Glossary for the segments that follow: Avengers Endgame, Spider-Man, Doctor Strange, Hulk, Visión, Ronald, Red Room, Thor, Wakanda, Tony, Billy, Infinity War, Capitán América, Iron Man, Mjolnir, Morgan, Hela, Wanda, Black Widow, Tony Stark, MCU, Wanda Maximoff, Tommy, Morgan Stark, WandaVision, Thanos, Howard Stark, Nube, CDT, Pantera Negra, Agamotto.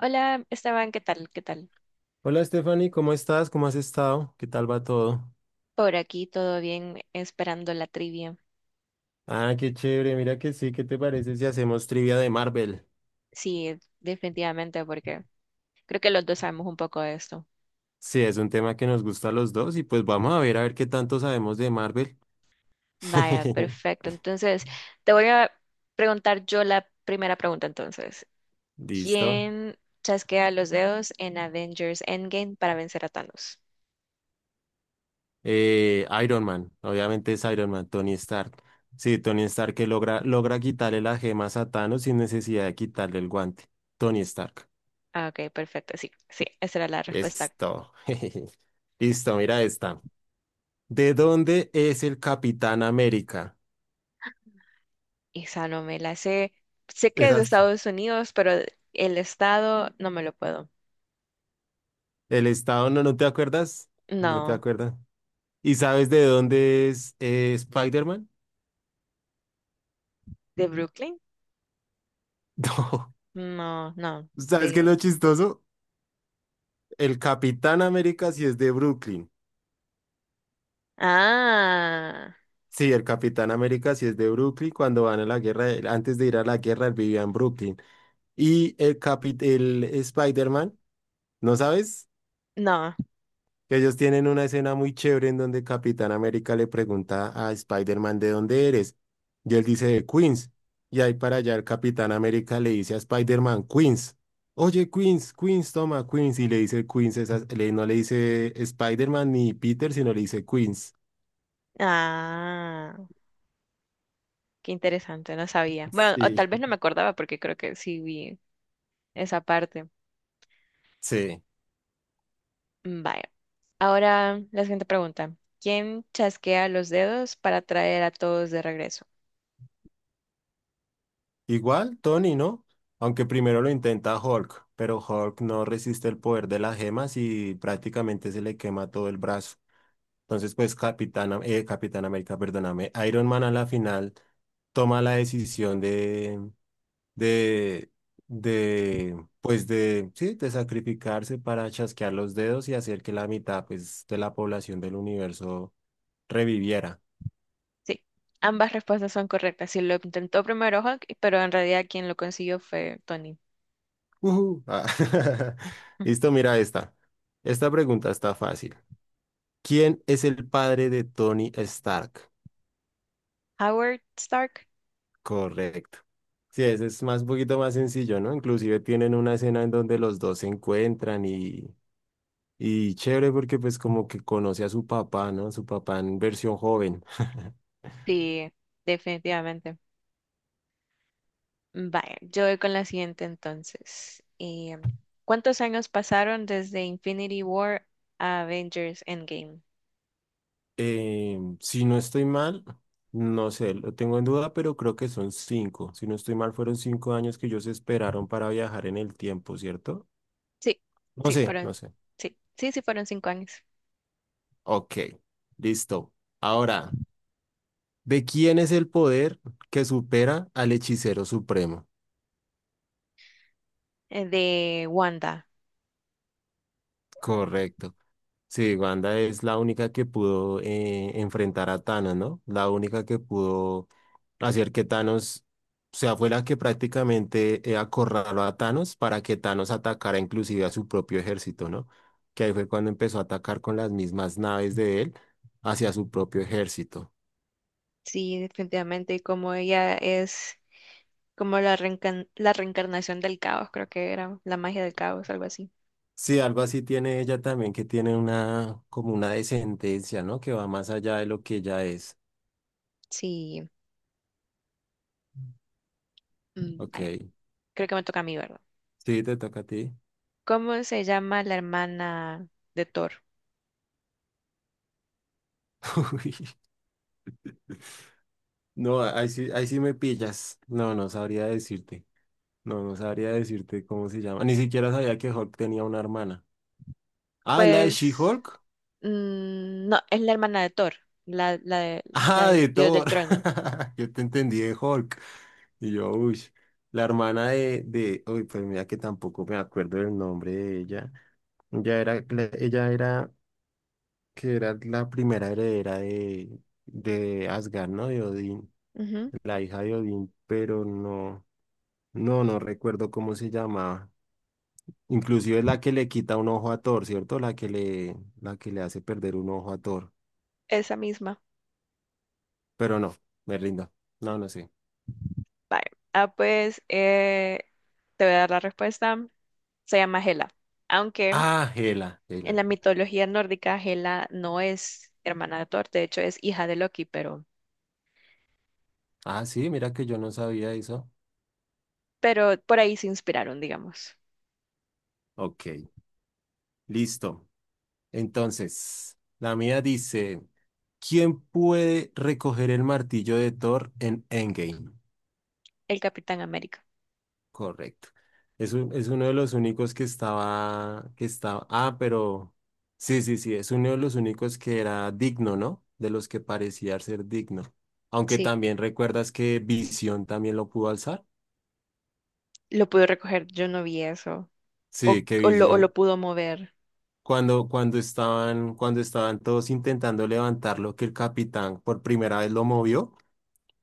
Hola, Esteban, ¿qué tal? ¿Qué tal? Hola Stephanie, ¿cómo estás? ¿Cómo has estado? ¿Qué tal va todo? Por aquí todo bien, esperando la trivia. Ah, qué chévere, mira que sí, ¿qué te parece si hacemos trivia de Marvel? Sí, definitivamente, porque creo que los dos sabemos un poco de esto. Sí, es un tema que nos gusta a los dos y pues vamos a ver qué tanto sabemos de Marvel. Vaya, perfecto. Entonces, te voy a preguntar yo la primera pregunta entonces. Listo. ¿Quién chasquea los dedos en Avengers Endgame para vencer a Thanos? Iron Man, obviamente es Iron Man, Tony Stark. Sí, Tony Stark que logra quitarle las gemas a Thanos sin necesidad de quitarle el guante. Tony Stark. Ah, ok, perfecto. Sí, sí, esa era la respuesta. Esto. Listo, mira esta. ¿De dónde es el Capitán América? Esa no me la sé. Sé que es de Exacto. Estados Unidos, pero el estado no me lo puedo. El estado, no, ¿no te acuerdas? No te No, acuerdas. ¿Y sabes de dónde es Spider-Man? ¿de Brooklyn? No. No, no, ¿Sabes qué es lo de... chistoso? El Capitán América sí es de Brooklyn. Ah, Sí, el Capitán América sí es de Brooklyn. Cuando van a la guerra, antes de ir a la guerra, él vivía en Brooklyn. Y el Spider-Man, ¿no sabes? no. Que ellos tienen una escena muy chévere en donde Capitán América le pregunta a Spider-Man de dónde eres. Y él dice de Queens. Y ahí para allá el Capitán América le dice a Spider-Man, Queens. Oye, Queens, Queens, toma, Queens. Y le dice Queens, no le dice Spider-Man ni Peter, sino le dice Queens. Ah, qué interesante, no sabía. Bueno, o tal vez Sí. no me acordaba porque creo que sí vi esa parte. Sí. Mm, vaya. Ahora la siguiente pregunta. ¿Quién chasquea los dedos para traer a todos de regreso? Igual, Tony, ¿no? Aunque primero lo intenta Hulk, pero Hulk no resiste el poder de las gemas y prácticamente se le quema todo el brazo. Entonces, pues Capitán América, perdóname, Iron Man a la final toma la decisión de, pues sí, de sacrificarse para chasquear los dedos y hacer que la mitad, pues, de la población del universo reviviera. Sí, ambas respuestas son correctas. Sí, lo intentó primero Hulk, pero en realidad quien lo consiguió fue Tony. Ujú. Ah, Listo, mira esta. Esta pregunta está fácil. ¿Quién es el padre de Tony Stark? Howard Stark. Correcto. Sí, ese es más un poquito más sencillo, ¿no? Inclusive tienen una escena en donde los dos se encuentran y chévere porque pues como que conoce a su papá, ¿no? Su papá en versión joven. Sí, definitivamente. Vale, yo voy con la siguiente entonces. ¿Cuántos años pasaron desde Infinity War a Avengers Endgame? Si no estoy mal, no sé, lo tengo en duda, pero creo que son cinco. Si no estoy mal, fueron 5 años que ellos esperaron para viajar en el tiempo, ¿cierto? Sí, No sí, sé, no fueron, sé. sí, fueron 5 años. Ok, listo. Ahora, ¿de quién es el poder que supera al hechicero supremo? De Wanda. Correcto. Sí, Wanda es la única que pudo enfrentar a Thanos, ¿no? La única que pudo hacer que Thanos, o sea, fue la que prácticamente acorraló a Thanos para que Thanos atacara inclusive a su propio ejército, ¿no? Que ahí fue cuando empezó a atacar con las mismas naves de él hacia su propio ejército. Sí, definitivamente. Y como ella es como la la reencarnación del caos, creo que era la magia del caos, algo así. Sí, algo así tiene ella también, que tiene una, como una descendencia, ¿no? Que va más allá de lo que ella es. Sí, mm, vale, Ok. creo que me toca a mí, ¿verdad? Sí, te toca a ti. ¿Cómo se llama la hermana de Thor? No, ahí sí me pillas. No, no sabría decirte. No, no sabría decirte cómo se llama. Ni siquiera sabía que Hulk tenía una hermana. Ah, la de Pues. She-Hulk. Mm, no, es la hermana de Thor, la, la, de- la Ah, de del dios Thor. del trueno. Yo te entendí de Hulk. Y yo, uy. La hermana de. Uy, pues mira que tampoco me acuerdo del nombre de ella. Ella era, que era la primera heredera de Asgard, ¿no? De Odín. Ujú. La hija de Odín, pero no. No, no recuerdo cómo se llamaba. Inclusive es la que le quita un ojo a Thor, ¿cierto? La que le hace perder un ojo a Thor. Esa misma. Pero no, me rindo. No, no sé. Vale. Ah, pues te voy a dar la respuesta. Se llama Hela. Aunque Ah, Hela, en Hela. la mitología nórdica, Hela no es hermana de Thor, de hecho es hija de Loki, Ah, sí, mira que yo no sabía eso. pero por ahí se inspiraron, digamos, Ok, listo. Entonces, la mía dice, ¿quién puede recoger el martillo de Thor en Endgame? el Capitán América. Correcto. Es uno de los únicos pero sí, sí, sí, es uno de los únicos que era digno, ¿no? De los que parecía ser digno. Aunque Sí. también recuerdas que Visión también lo pudo alzar. Lo pudo recoger, yo no vi eso. O, Sí, que o lo, o lo Visión, pudo mover. cuando estaban todos intentando levantarlo, que el capitán por primera vez lo movió,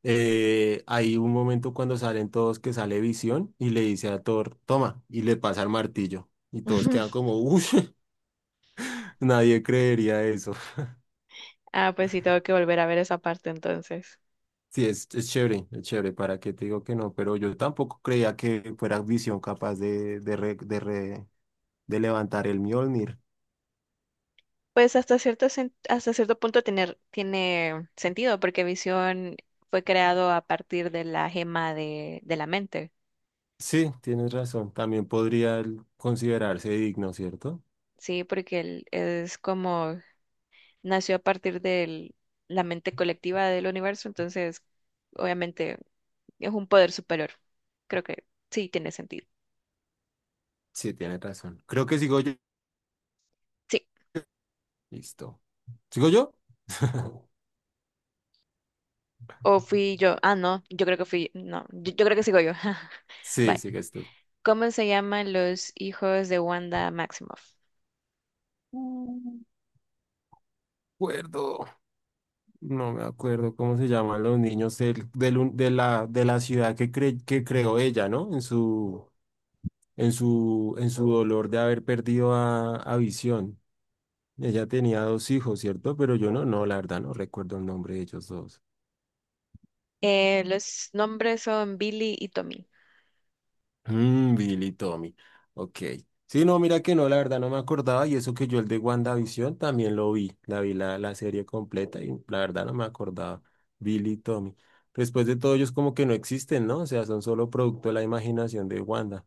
hay un momento cuando salen todos que sale Visión y le dice a Thor, toma, y le pasa el martillo. Y todos quedan como, uff. Nadie creería eso. Ah, pues sí, tengo que volver a ver esa parte entonces. Sí, es chévere, es chévere, ¿para qué te digo que no? Pero yo tampoco creía que fuera Visión capaz de levantar el Mjolnir. Pues hasta cierto, hasta cierto punto tiene sentido, porque Visión fue creado a partir de la gema de la mente, Sí, tienes razón, también podría él considerarse digno, ¿cierto? ¿sí? Porque él es como nació a partir de la mente colectiva del universo, entonces obviamente es un poder superior. Creo que sí tiene sentido. Sí, tienes razón. Creo que sigo yo. Sí, Listo. ¿Sigo yo? o fui yo. Ah, no, yo creo que fui, no, yo creo que sigo yo. Sí, Bye. sigues tú. ¿Cómo se llaman los hijos de Wanda Maximoff? Mm, acuerdo. No me acuerdo cómo se llaman los niños del- del un- de la ciudad que creó ella, ¿no? En su dolor de haber perdido a Visión. Ella tenía dos hijos, ¿cierto? Pero yo no, no, la verdad no recuerdo el nombre de ellos dos. Los nombres son Billy y Tommy. Billy y Tommy. Ok. Sí, no, mira que no, la verdad no me acordaba y eso que yo el de WandaVision también lo vi, la vi la serie completa y la verdad no me acordaba. Billy y Tommy. Después de todo ellos como que no existen, ¿no? O sea, son solo producto de la imaginación de Wanda.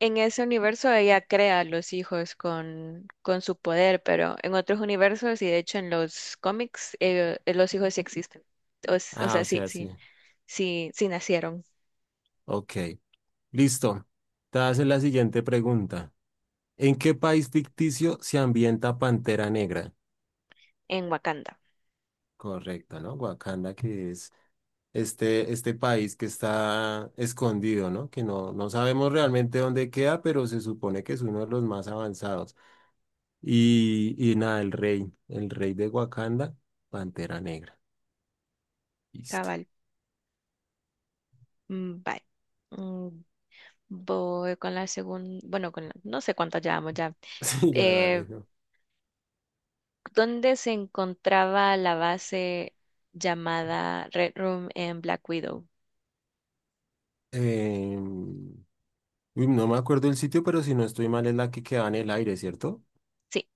En ese universo ella crea a los hijos con su poder, pero en otros universos y de hecho en los cómics los hijos sí existen. O, s- o Ah, sea, o sí, sea, sí. sí, sí, sí nacieron Ok. Listo. Te haces la siguiente pregunta. ¿En qué país ficticio se ambienta Pantera Negra? en Wakanda. Correcto, ¿no? Wakanda, que es este país que está escondido, ¿no? Que no, no sabemos realmente dónde queda, pero se supone que es uno de los más avanzados. Y nada, el rey de Wakanda, Pantera Negra. Listo. Cabal. Mm, bye. Mm, voy con la segunda, bueno, no sé cuántas llevamos ya. Sí, ya Eh, dale, ¿no? ¿Dónde se encontraba la base llamada Red Room en Black Widow? Em, uy, no me acuerdo el sitio, pero si no estoy mal es la que queda en el aire, ¿cierto? Sí.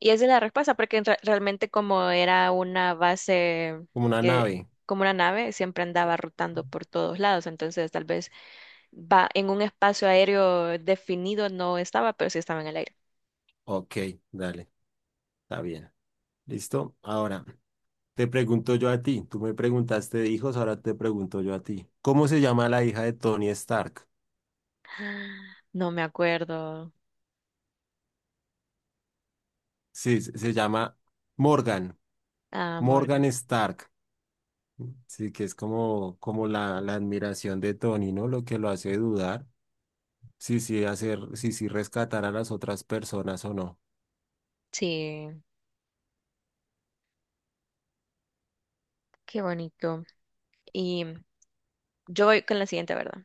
Y esa es la respuesta, porque realmente como era una base Como una nave. como una nave, siempre andaba rotando por todos lados. Entonces, tal vez va en un espacio aéreo definido no estaba, pero sí estaba en el aire. Ok, dale, está bien. Listo. Ahora. Te pregunto yo a ti, tú me preguntaste de hijos, ahora te pregunto yo a ti. ¿Cómo se llama la hija de Tony Stark? No me acuerdo. Sí, se llama Morgan, Ah, Morgan Morgan. Stark. Sí, que es como la admiración de Tony, ¿no? Lo que lo hace dudar. Sí, sí, sí, sí, rescatar a las otras personas o no. Sí, qué bonito. Y yo voy con la siguiente, ¿verdad?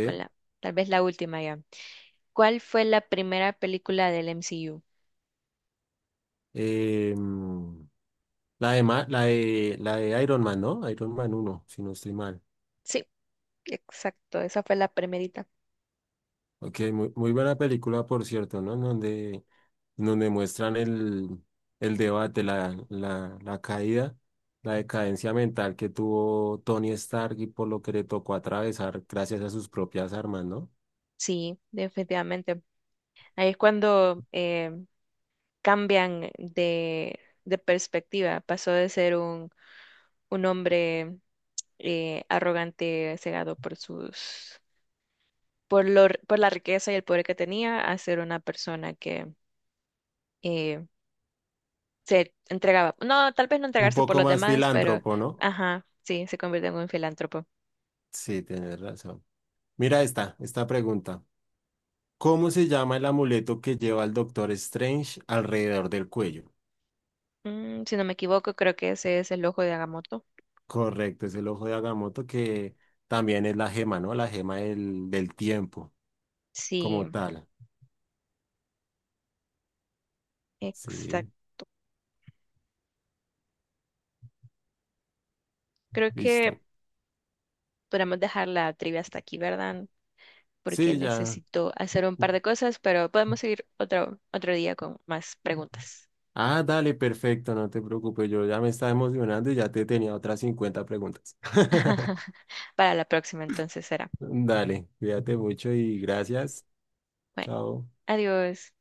Con la, tal vez la última ya. ¿Cuál fue la primera película del MCU? Mm, la de, Ma- la de Iron Man, ¿no? Iron Man uno, si no estoy mal. Sí, exacto, esa fue la primerita. Ok, muy, muy buena película, por cierto, ¿no? En donde muestran el debate, la caída, la decadencia mental que tuvo Tony Stark y por lo que le tocó atravesar gracias a sus propias armas, ¿no? Sí, definitivamente. Ahí es cuando cambian de perspectiva. Pasó de ser un hombre arrogante, cegado por sus, por la riqueza y el poder que tenía, a ser una persona que eh, se entregaba. No, tal vez no Un entregarse por poco los más demás, pero filántropo, ¿no? ajá, sí, se convirtió en un filántropo. Sí, tienes razón. Mira esta pregunta. ¿Cómo se llama el amuleto que lleva el Doctor Strange alrededor del cuello? Mm, si no me equivoco, creo que ese es el ojo de Agamotto. Correcto, es el ojo de Agamotto que también es la gema, ¿no? La gema del tiempo. Sí, Como tal. Sí, exacto. Creo que listo. podemos dejar la trivia hasta aquí, ¿verdad? Porque Sí, ya. necesito hacer un par de cosas, pero podemos seguir otro, otro día con más preguntas. Ah, dale, perfecto, no te preocupes, yo ya me estaba emocionando y ya te tenía otras 50 preguntas. Para la próxima, entonces será. Dale, cuídate mucho y gracias. Bueno, Chao. adiós.